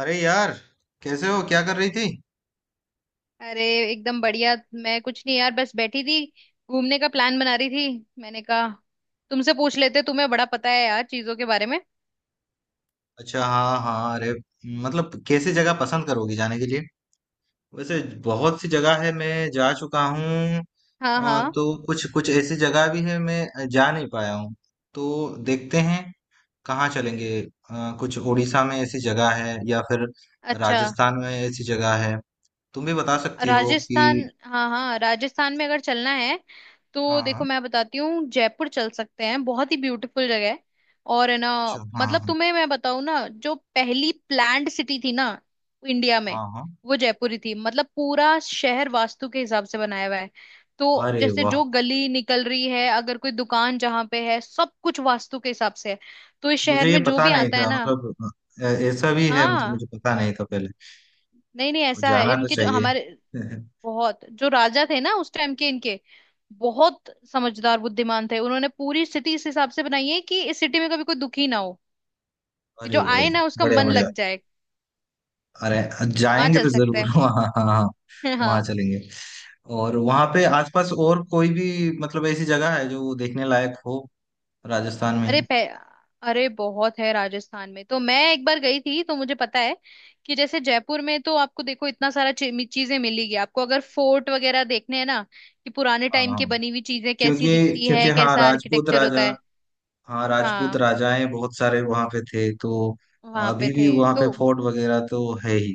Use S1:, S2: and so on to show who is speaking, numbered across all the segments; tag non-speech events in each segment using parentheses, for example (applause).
S1: अरे यार, कैसे हो? क्या कर रही थी?
S2: अरे, एकदम बढ़िया। मैं कुछ नहीं यार, बस बैठी थी। घूमने का प्लान बना रही थी, मैंने कहा तुमसे पूछ लेते, तुम्हें बड़ा पता है यार चीजों के बारे में।
S1: अच्छा, हाँ हाँ। अरे मतलब, कैसी जगह पसंद करोगी जाने के लिए? वैसे बहुत सी जगह है, मैं जा चुका हूँ।
S2: हाँ हाँ।
S1: तो कुछ कुछ ऐसी जगह भी है, मैं जा नहीं पाया हूँ। तो देखते हैं कहाँ चलेंगे। कुछ उड़ीसा में ऐसी जगह है, या फिर
S2: अच्छा।
S1: राजस्थान में ऐसी जगह है। तुम भी बता सकती हो कि।
S2: राजस्थान, हाँ हाँ, राजस्थान में अगर चलना है तो
S1: हाँ हाँ।
S2: देखो मैं बताती हूँ, जयपुर चल सकते हैं, बहुत ही ब्यूटीफुल जगह है। और है ना।
S1: अच्छा, हाँ
S2: मतलब
S1: हाँ,
S2: तुम्हें मैं बताऊँ ना, जो पहली प्लान्ड सिटी थी ना इंडिया में,
S1: हाँ हाँ।
S2: वो जयपुर ही थी। मतलब पूरा शहर वास्तु के हिसाब से बनाया हुआ है। तो
S1: अरे
S2: जैसे
S1: वाह।
S2: जो गली निकल रही है, अगर कोई दुकान जहाँ पे है, सब कुछ वास्तु के हिसाब से है। तो इस शहर
S1: मुझे ये
S2: में जो
S1: पता
S2: भी
S1: नहीं
S2: आता है
S1: था,
S2: ना।
S1: मतलब ऐसा भी है, मतलब
S2: हाँ।
S1: मुझे पता नहीं था पहले।
S2: नहीं नहीं,
S1: तो
S2: ऐसा है,
S1: जाना तो
S2: इनके जो
S1: चाहिए।
S2: हमारे
S1: (laughs)
S2: बहुत जो राजा थे ना उस टाइम के, इनके बहुत समझदार बुद्धिमान थे, उन्होंने पूरी सिटी इस हिसाब से बनाई है कि इस सिटी में कभी कोई दुखी ना हो, कि
S1: अरे
S2: जो
S1: भाई,
S2: आए ना उसका
S1: बढ़िया
S2: मन
S1: बढ़िया।
S2: लग जाए।
S1: अरे,
S2: वहां
S1: जाएंगे
S2: चल
S1: तो
S2: सकते
S1: जरूर
S2: हैं।
S1: (laughs) वहाँ। हाँ हाँ।
S2: (laughs)
S1: वहाँ
S2: हाँ।
S1: चलेंगे। और वहाँ पे आसपास और कोई भी, मतलब ऐसी जगह है जो देखने लायक हो? राजस्थान में
S2: अरे
S1: ही।
S2: पह... अरे बहुत है राजस्थान में। तो मैं एक बार गई थी तो मुझे पता है कि जैसे जयपुर में तो आपको, देखो, इतना सारा चीजें मिलेगी आपको। अगर फोर्ट वगैरह देखने हैं ना, कि पुराने
S1: हाँ
S2: टाइम
S1: हाँ।
S2: की बनी हुई चीजें कैसी
S1: क्योंकि
S2: दिखती
S1: क्योंकि
S2: है,
S1: हाँ
S2: कैसा
S1: राजपूत
S2: आर्किटेक्चर
S1: राजा,
S2: होता है।
S1: हाँ राजपूत
S2: हाँ।
S1: राजाएं बहुत सारे वहाँ पे थे तो।
S2: वहां पे
S1: अभी भी
S2: थे।
S1: वहाँ
S2: तो
S1: पे फोर्ट वगैरह तो है ही।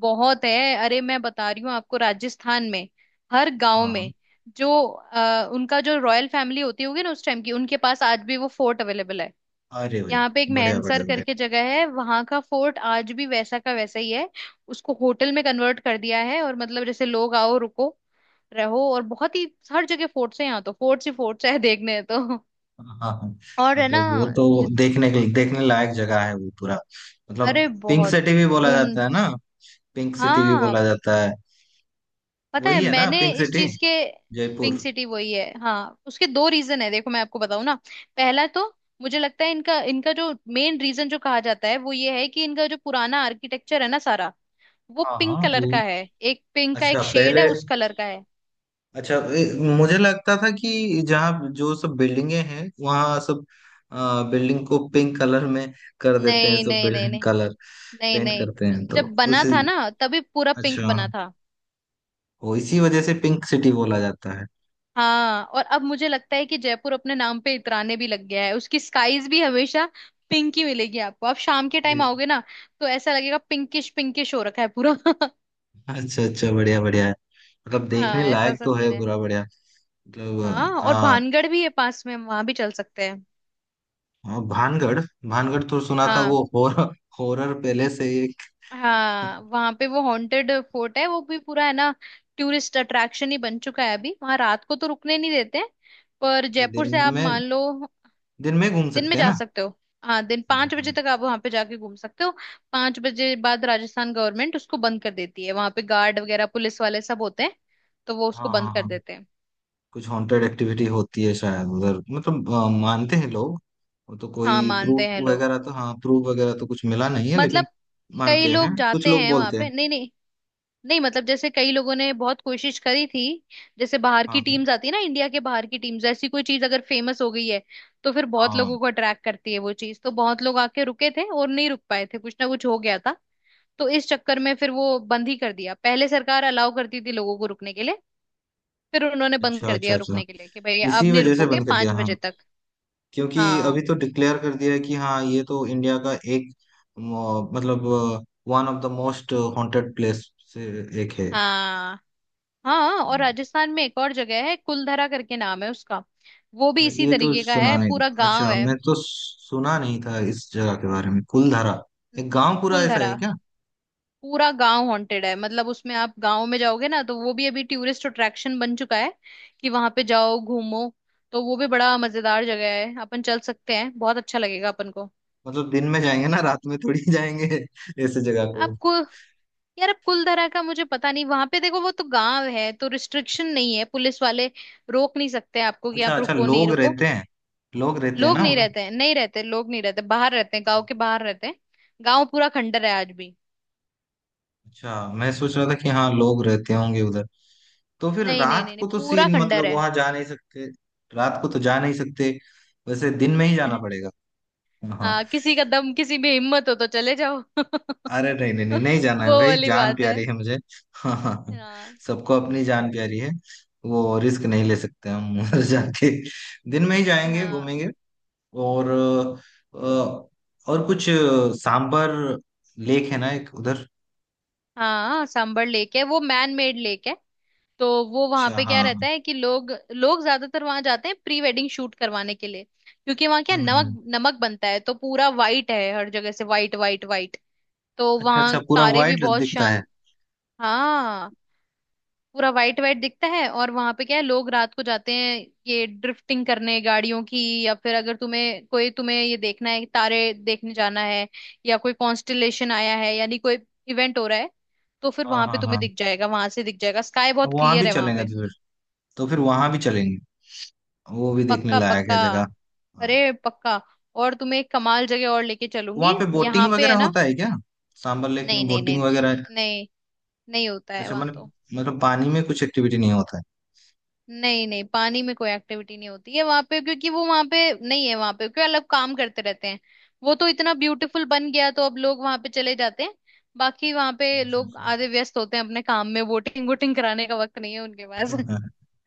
S2: बहुत है, अरे मैं बता रही हूँ आपको, राजस्थान में हर गांव
S1: हाँ
S2: में
S1: हाँ।
S2: जो उनका जो रॉयल फैमिली होती होगी ना उस टाइम की, उनके पास आज भी वो फोर्ट अवेलेबल है।
S1: अरे भाई,
S2: यहाँ पे एक
S1: बढ़िया
S2: मैनसर
S1: बढ़िया बढ़िया।
S2: करके जगह है, वहां का फोर्ट आज भी वैसा का वैसा ही है। उसको होटल में कन्वर्ट कर दिया है, और मतलब जैसे लोग आओ रुको रहो। और बहुत ही, हर जगह फोर्ट्स है यहाँ, तो फोर्ट्स ही फोर्ट्स है देखने तो।
S1: हाँ हाँ।
S2: और है ना।
S1: मतलब वो तो
S2: जित-
S1: देखने लायक जगह है, वो पूरा। मतलब
S2: अरे
S1: पिंक
S2: बहुत
S1: सिटी भी बोला
S2: घूम।
S1: जाता है ना, पिंक सिटी भी
S2: हाँ
S1: बोला जाता है।
S2: पता है
S1: वही है ना
S2: मैंने
S1: पिंक
S2: इस
S1: सिटी,
S2: चीज के। पिंक
S1: जयपुर।
S2: सिटी वही है, हाँ। उसके दो रीजन है, देखो मैं आपको बताऊं ना। पहला तो मुझे लगता है इनका इनका जो मेन रीजन जो कहा जाता है वो ये है कि इनका जो पुराना आर्किटेक्चर है ना सारा, वो
S1: हाँ
S2: पिंक
S1: हाँ,
S2: कलर
S1: वो।
S2: का है। एक पिंक का, एक
S1: अच्छा,
S2: शेड है
S1: पहले
S2: उस कलर का है।
S1: अच्छा, मुझे लगता था कि जहाँ जो सब बिल्डिंगे हैं, वहाँ सब बिल्डिंग को पिंक कलर में कर देते हैं,
S2: नहीं
S1: सब
S2: नहीं नहीं
S1: बिल्डिंग
S2: नहीं।
S1: कलर
S2: नहीं
S1: पेंट
S2: नहीं।
S1: करते हैं, तो
S2: जब बना
S1: उसी।
S2: था ना तभी पूरा पिंक
S1: अच्छा,
S2: बना था।
S1: वो इसी वजह से पिंक सिटी बोला जाता
S2: हाँ, और अब मुझे लगता है कि जयपुर अपने नाम पे इतराने भी लग गया है, उसकी स्काईज भी हमेशा पिंक ही मिलेगी आपको। आप शाम के
S1: है।
S2: टाइम आओगे ना तो ऐसा लगेगा, पिंकिश पिंकिश हो रखा है पूरा। (laughs)
S1: अच्छा अच्छा, बढ़िया बढ़िया है। मतलब देखने
S2: हाँ ऐसा
S1: लायक
S2: सा
S1: तो है
S2: सीन है।
S1: पूरा, बढ़िया
S2: हाँ
S1: मतलब।
S2: और
S1: आ,
S2: भानगढ़ भी है पास में, हम वहां भी चल सकते हैं।
S1: आ, भानगढ़। भानगढ़ तो सुना था,
S2: हाँ।
S1: वो हॉरर, हॉरर पहले से एक। अच्छा।
S2: हाँ वहां पे वो हॉन्टेड फोर्ट है, वो भी पूरा है ना। टूरिस्ट अट्रैक्शन ही बन चुका है अभी, वहां रात को तो रुकने नहीं देते। पर जयपुर
S1: दिन
S2: से आप
S1: में,
S2: मान लो
S1: दिन में घूम
S2: दिन में
S1: सकते हैं
S2: जा
S1: ना?
S2: सकते हो। हाँ दिन
S1: हाँ
S2: 5 बजे
S1: हाँ,
S2: तक आप वहां पे जाके घूम सकते हो। 5 बजे बाद राजस्थान गवर्नमेंट उसको बंद कर देती है, वहां पे गार्ड वगैरह पुलिस वाले सब होते हैं, तो वो उसको
S1: हाँ
S2: बंद
S1: हाँ
S2: कर
S1: हाँ।
S2: देते हैं।
S1: कुछ हॉन्टेड एक्टिविटी होती है शायद उधर, मतलब मानते हैं लोग। वो तो
S2: हाँ
S1: कोई प्रूफ
S2: मानते हैं लोग।
S1: वगैरह तो, हाँ प्रूफ वगैरह तो कुछ मिला नहीं है
S2: मतलब
S1: लेकिन
S2: कई
S1: मानते हैं,
S2: लोग
S1: कुछ
S2: जाते
S1: लोग
S2: हैं वहां
S1: बोलते
S2: पे।
S1: हैं।
S2: नहीं नहीं नहीं। मतलब जैसे कई लोगों ने बहुत कोशिश करी थी। जैसे बाहर
S1: हाँ
S2: की
S1: हाँ
S2: टीम्स आती है ना, इंडिया के बाहर की टीम्स, ऐसी कोई चीज अगर फेमस हो गई है तो फिर बहुत
S1: हाँ।
S2: लोगों को अट्रैक्ट करती है वो चीज। तो बहुत लोग आके रुके थे और नहीं रुक पाए थे, कुछ ना कुछ हो गया था। तो इस चक्कर में फिर वो बंद ही कर दिया। पहले सरकार अलाउ करती थी लोगों को रुकने के लिए, फिर उन्होंने बंद
S1: अच्छा
S2: कर
S1: अच्छा
S2: दिया
S1: अच्छा,
S2: रुकने के लिए कि भाई
S1: इसी
S2: अब नहीं
S1: वजह से
S2: रुकोगे
S1: बंद कर दिया,
S2: पांच
S1: हाँ।
S2: बजे तक।
S1: क्योंकि अभी
S2: हाँ
S1: तो डिक्लेयर कर दिया है कि हाँ, ये तो इंडिया का एक मतलब one of the most haunted place से एक है।
S2: हाँ हाँ। और राजस्थान में एक और जगह है, कुलधरा करके नाम है उसका। वो भी इसी
S1: ये तो
S2: तरीके का
S1: सुना
S2: है,
S1: नहीं,
S2: पूरा गांव
S1: अच्छा,
S2: है।
S1: मैं तो सुना नहीं था इस जगह के बारे में, कुलधारा। एक गांव पूरा ऐसा
S2: कुलधरा
S1: है क्या?
S2: पूरा गांव हॉन्टेड है, मतलब उसमें आप गांव में जाओगे ना, तो वो भी अभी टूरिस्ट अट्रैक्शन बन चुका है, कि वहां पे जाओ घूमो। तो वो भी बड़ा मजेदार जगह है, अपन चल सकते हैं, बहुत अच्छा लगेगा अपन को।
S1: मतलब दिन में जाएंगे ना, रात में थोड़ी (laughs) जाएंगे ऐसे जगह को।
S2: आपको यार, अब कुलधरा का मुझे पता नहीं, वहां पे देखो वो तो गांव है तो रिस्ट्रिक्शन नहीं है, पुलिस वाले रोक नहीं सकते आपको कि
S1: अच्छा
S2: आप
S1: अच्छा,
S2: रुको नहीं
S1: लोग
S2: रुको।
S1: रहते हैं, लोग रहते हैं
S2: लोग
S1: ना
S2: नहीं
S1: उधर?
S2: रहते हैं, नहीं रहते लोग नहीं रहते, बाहर रहते हैं, गांव के बाहर रहते हैं। गांव पूरा खंडर है आज भी।
S1: अच्छा, मैं सोच रहा था कि हाँ, लोग रहते होंगे उधर। तो फिर
S2: नहीं नहीं
S1: रात
S2: नहीं नहीं,
S1: को तो
S2: पूरा
S1: सीन,
S2: खंडर
S1: मतलब
S2: है।
S1: वहां जा नहीं सकते, रात को तो जा नहीं सकते। वैसे दिन में ही जाना पड़ेगा।
S2: (laughs)
S1: हाँ।
S2: हाँ किसी का दम, किसी में हिम्मत हो तो चले जाओ
S1: अरे नहीं नहीं, नहीं नहीं
S2: (laughs)
S1: जाना है
S2: वो
S1: भाई,
S2: वाली
S1: जान
S2: बात है।
S1: प्यारी है मुझे (laughs) हाँ हाँ,
S2: हाँ।
S1: सबको अपनी जान प्यारी है, वो रिस्क नहीं ले सकते हम (laughs) उधर जाके। दिन में ही जाएंगे,
S2: हाँ
S1: घूमेंगे। और अ, और कुछ सांबर लेक है ना एक उधर।
S2: हाँ सांबर लेक है, वो मैन मेड लेक है। तो वो वहां
S1: अच्छा
S2: पे क्या
S1: हाँ,
S2: रहता है कि लोग लोग ज्यादातर वहां जाते हैं प्री वेडिंग शूट करवाने के लिए, क्योंकि वहां क्या, नमक
S1: हम्म।
S2: नमक बनता है, तो पूरा वाइट है हर जगह से, वाइट वाइट वाइट। तो
S1: अच्छा अच्छा,
S2: वहां
S1: पूरा
S2: तारे भी
S1: व्हाइट
S2: बहुत
S1: दिखता है।
S2: शान। हाँ पूरा वाइट वाइट दिखता है। और वहां पे क्या है, लोग रात को जाते हैं ये ड्रिफ्टिंग करने गाड़ियों की। या फिर अगर तुम्हें ये देखना है, तारे देखने जाना है, या कोई कॉन्स्टलेशन आया है, यानी कोई इवेंट हो रहा है, तो फिर
S1: हाँ
S2: वहां पे
S1: हाँ
S2: तुम्हें
S1: हाँ,
S2: दिख जाएगा, वहां से दिख जाएगा, स्काई बहुत
S1: वहां भी
S2: क्लियर है वहां
S1: चलेंगे
S2: पे।
S1: तो फिर वहां भी चलेंगे। वो भी देखने
S2: पक्का
S1: लायक
S2: पक्का।
S1: है जगह। हाँ।
S2: अरे पक्का। और तुम्हें एक कमाल जगह और लेके
S1: वहां
S2: चलूंगी।
S1: पे बोटिंग
S2: यहाँ पे है
S1: वगैरह
S2: ना।
S1: होता है क्या? सांबर लेक
S2: नहीं
S1: में
S2: नहीं नहीं
S1: बोटिंग वगैरह है?
S2: नहीं। नहीं होता है
S1: अच्छा,
S2: वहां
S1: मतलब
S2: तो।
S1: मतलब पानी में कुछ एक्टिविटी नहीं होता है।
S2: नहीं नहीं, पानी में कोई एक्टिविटी नहीं होती है वहां पे। क्योंकि वो वहां पे नहीं है वहां पे, क्योंकि अलग काम करते रहते हैं। वो तो इतना ब्यूटीफुल बन गया तो अब लोग वहां पे चले जाते हैं। बाकी वहां पे
S1: अच्छा
S2: लोग
S1: अच्छा
S2: आधे
S1: (laughs)
S2: व्यस्त होते हैं अपने काम में, वोटिंग वोटिंग कराने का वक्त नहीं है उनके पास।
S1: हाँ,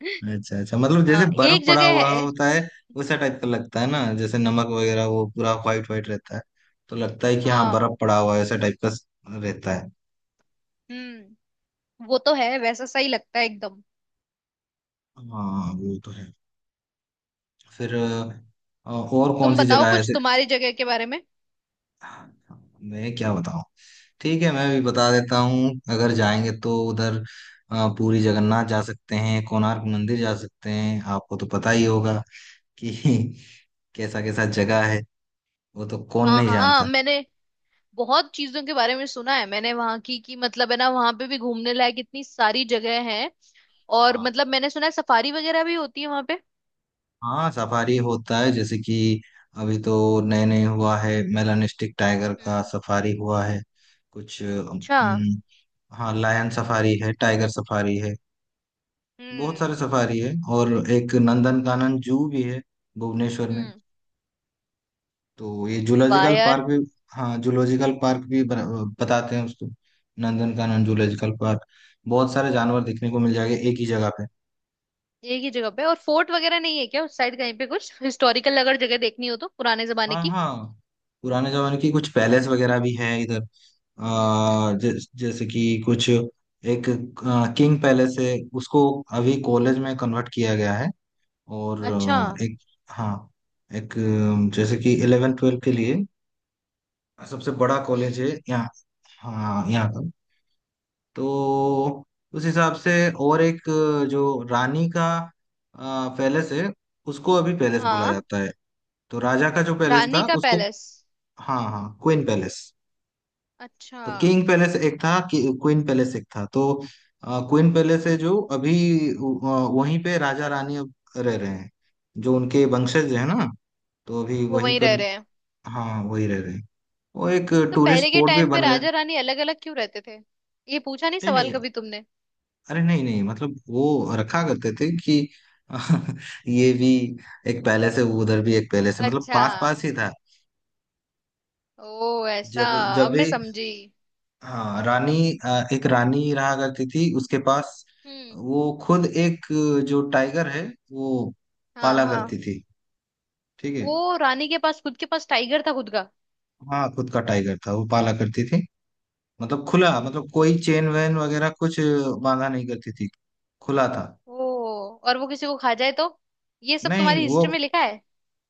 S2: (laughs)
S1: अच्छा अच्छा, मतलब
S2: हाँ
S1: जैसे बर्फ
S2: एक
S1: पड़ा
S2: जगह
S1: हुआ
S2: है।
S1: होता है, वैसा टाइप का लगता है ना, जैसे नमक वगैरह, वो पूरा व्हाइट व्हाइट रहता है, तो लगता है कि हाँ,
S2: हाँ।
S1: बर्फ पड़ा हुआ है, ऐसा टाइप का रहता है।
S2: हम्म। वो तो है, वैसा सही लगता है एकदम।
S1: हाँ वो तो है। फिर और कौन
S2: तुम
S1: सी
S2: बताओ
S1: जगह है?
S2: कुछ तुम्हारी जगह के बारे में।
S1: मैं क्या बताऊं। ठीक है, मैं भी बता देता हूँ अगर जाएंगे तो उधर। पुरी जगन्नाथ जा सकते हैं, कोणार्क मंदिर जा सकते हैं, आपको तो पता ही होगा कि (laughs) कैसा कैसा जगह है, वो तो कौन
S2: हाँ
S1: नहीं
S2: हाँ
S1: जानता।
S2: मैंने बहुत चीजों के बारे में सुना है, मैंने वहां की कि मतलब है ना, वहां पे भी घूमने लायक इतनी सारी जगह है। और
S1: हाँ
S2: मतलब मैंने सुना है सफारी वगैरह भी होती है वहां पे।
S1: हाँ, सफारी होता है, जैसे कि अभी तो नए नए हुआ है, मेलानिस्टिक टाइगर का
S2: हम्म।
S1: सफारी हुआ है। कुछ
S2: अच्छा।
S1: हाँ, लायन सफारी है, टाइगर सफारी है, बहुत सारे
S2: हम्म
S1: सफारी है। और एक नंदनकानन जू भी है भुवनेश्वर में,
S2: हम्म।
S1: तो ये
S2: वाह
S1: जूलॉजिकल पार्क
S2: यार।
S1: भी। हाँ, जूलॉजिकल पार्क भी बताते हैं उसको, नंदनकानन जूलॉजिकल पार्क। बहुत सारे जानवर देखने को मिल जाएंगे एक ही जगह पे।
S2: एक ही जगह पे, और फोर्ट वगैरह नहीं है क्या उस साइड कहीं पे, कुछ हिस्टोरिकल अगर जगह देखनी हो तो पुराने जमाने
S1: हाँ
S2: की।
S1: हाँ, पुराने जमाने की कुछ पैलेस वगैरह भी है इधर।
S2: हम्म।
S1: जैसे कि कुछ एक किंग पैलेस है, उसको अभी कॉलेज में कन्वर्ट किया गया है। और
S2: अच्छा।
S1: एक, हाँ, एक जैसे कि 11 12 के लिए सबसे बड़ा कॉलेज है
S2: हम्म।
S1: यहाँ, हाँ, यहाँ का, तो उस हिसाब से। और एक जो रानी का पैलेस है, उसको अभी पैलेस बोला
S2: हाँ,
S1: जाता है। तो राजा का जो पैलेस
S2: रानी
S1: था
S2: का
S1: उसको,
S2: पैलेस।
S1: हाँ हाँ, क्वीन पैलेस।
S2: अच्छा।
S1: तो किंग पैलेस एक था कि, क्वीन पैलेस एक था तो। क्वीन पैलेस है जो अभी अ, वहीं पे राजा रानी अब रह रहे हैं, जो उनके वंशज है ना, तो अभी
S2: वो
S1: वहीं
S2: वहीं रह
S1: पर।
S2: रहे हैं।
S1: हाँ, वही रह रहे हैं, वो एक
S2: तो
S1: टूरिस्ट
S2: पहले के
S1: स्पॉट भी
S2: टाइम पे
S1: बन गए।
S2: राजा रानी अलग अलग क्यों रहते थे, ये पूछा नहीं
S1: नहीं
S2: सवाल
S1: नहीं,
S2: कभी तुमने।
S1: अरे नहीं नहीं, मतलब वो रखा करते थे कि (laughs) ये भी एक पैलेस है, उधर भी एक पैलेस है, मतलब
S2: अच्छा।
S1: पास पास ही था।
S2: ओ ऐसा।
S1: जब जब
S2: अब
S1: भी,
S2: मैं समझी।
S1: हाँ, रानी, एक रानी रहा करती थी, उसके पास
S2: हम्म।
S1: वो खुद एक, जो टाइगर है वो
S2: हाँ
S1: पाला
S2: हाँ।
S1: करती थी। ठीक है।
S2: ओ, रानी के पास, खुद के पास टाइगर था खुद का।
S1: हाँ, खुद का टाइगर था, वो पाला करती थी, मतलब खुला, मतलब कोई चेन वेन वगैरह कुछ बांधा नहीं करती थी, खुला था।
S2: ओ, और वो किसी को खा जाए तो, ये सब तुम्हारी
S1: नहीं वो,
S2: हिस्ट्री में लिखा है।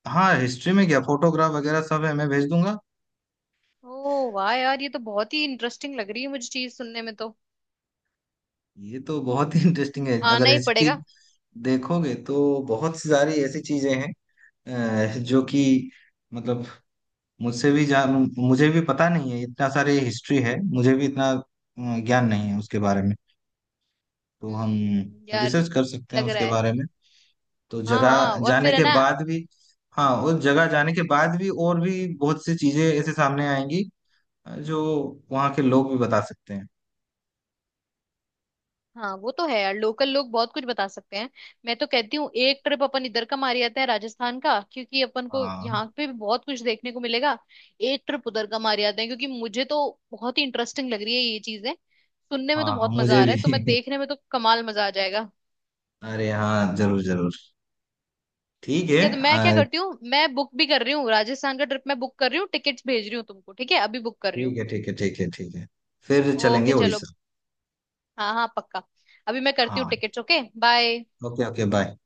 S1: हाँ हिस्ट्री में क्या, फोटोग्राफ वगैरह सब है, मैं भेज दूंगा।
S2: ओ वाह यार, ये तो बहुत ही इंटरेस्टिंग लग रही है मुझे चीज सुनने में तो।
S1: ये तो बहुत ही इंटरेस्टिंग है अगर
S2: आना ही
S1: हिस्ट्री
S2: पड़ेगा।
S1: देखोगे तो। बहुत सी सारी ऐसी चीजें हैं जो कि मतलब, मुझसे भी जान मुझे भी पता नहीं है, इतना सारी हिस्ट्री है, मुझे भी इतना ज्ञान नहीं है उसके बारे में। तो हम
S2: यार,
S1: रिसर्च कर सकते हैं
S2: लग रहा
S1: उसके
S2: है।
S1: बारे में, तो
S2: हाँ
S1: जगह
S2: हाँ और
S1: जाने
S2: फिर है
S1: के
S2: ना।
S1: बाद भी। हाँ, उस जगह जाने के बाद भी और भी बहुत सी चीजें ऐसे सामने आएंगी, जो वहाँ के लोग भी बता सकते हैं।
S2: हाँ वो तो है यार, लोकल लोग बहुत कुछ बता सकते हैं। मैं तो कहती हूँ एक ट्रिप अपन इधर का मार आते हैं राजस्थान का, क्योंकि अपन को
S1: हाँ
S2: यहाँ पे भी बहुत कुछ देखने को मिलेगा। एक ट्रिप उधर का मार आते हैं, क्योंकि मुझे तो बहुत ही इंटरेस्टिंग लग रही है ये चीजें सुनने में, तो
S1: हाँ, हाँ
S2: बहुत मजा
S1: मुझे
S2: आ रहा है, तो मैं
S1: भी
S2: देखने में तो कमाल मजा आ जाएगा।
S1: (laughs) अरे हाँ, जरूर जरूर। ठीक
S2: ठीक
S1: है।
S2: है तो मैं क्या करती हूँ, मैं बुक भी कर रही हूँ, राजस्थान का ट्रिप मैं बुक कर रही हूँ, टिकट्स भेज रही हूँ तुमको, ठीक है, अभी बुक कर रही हूँ।
S1: ठीक है ठीक है, ठीक है ठीक है। फिर चलेंगे
S2: ओके चलो।
S1: उड़ीसा।
S2: हाँ हाँ पक्का। अभी मैं करती हूँ
S1: हाँ,
S2: tickets. Okay bye.
S1: Okay, okay bye.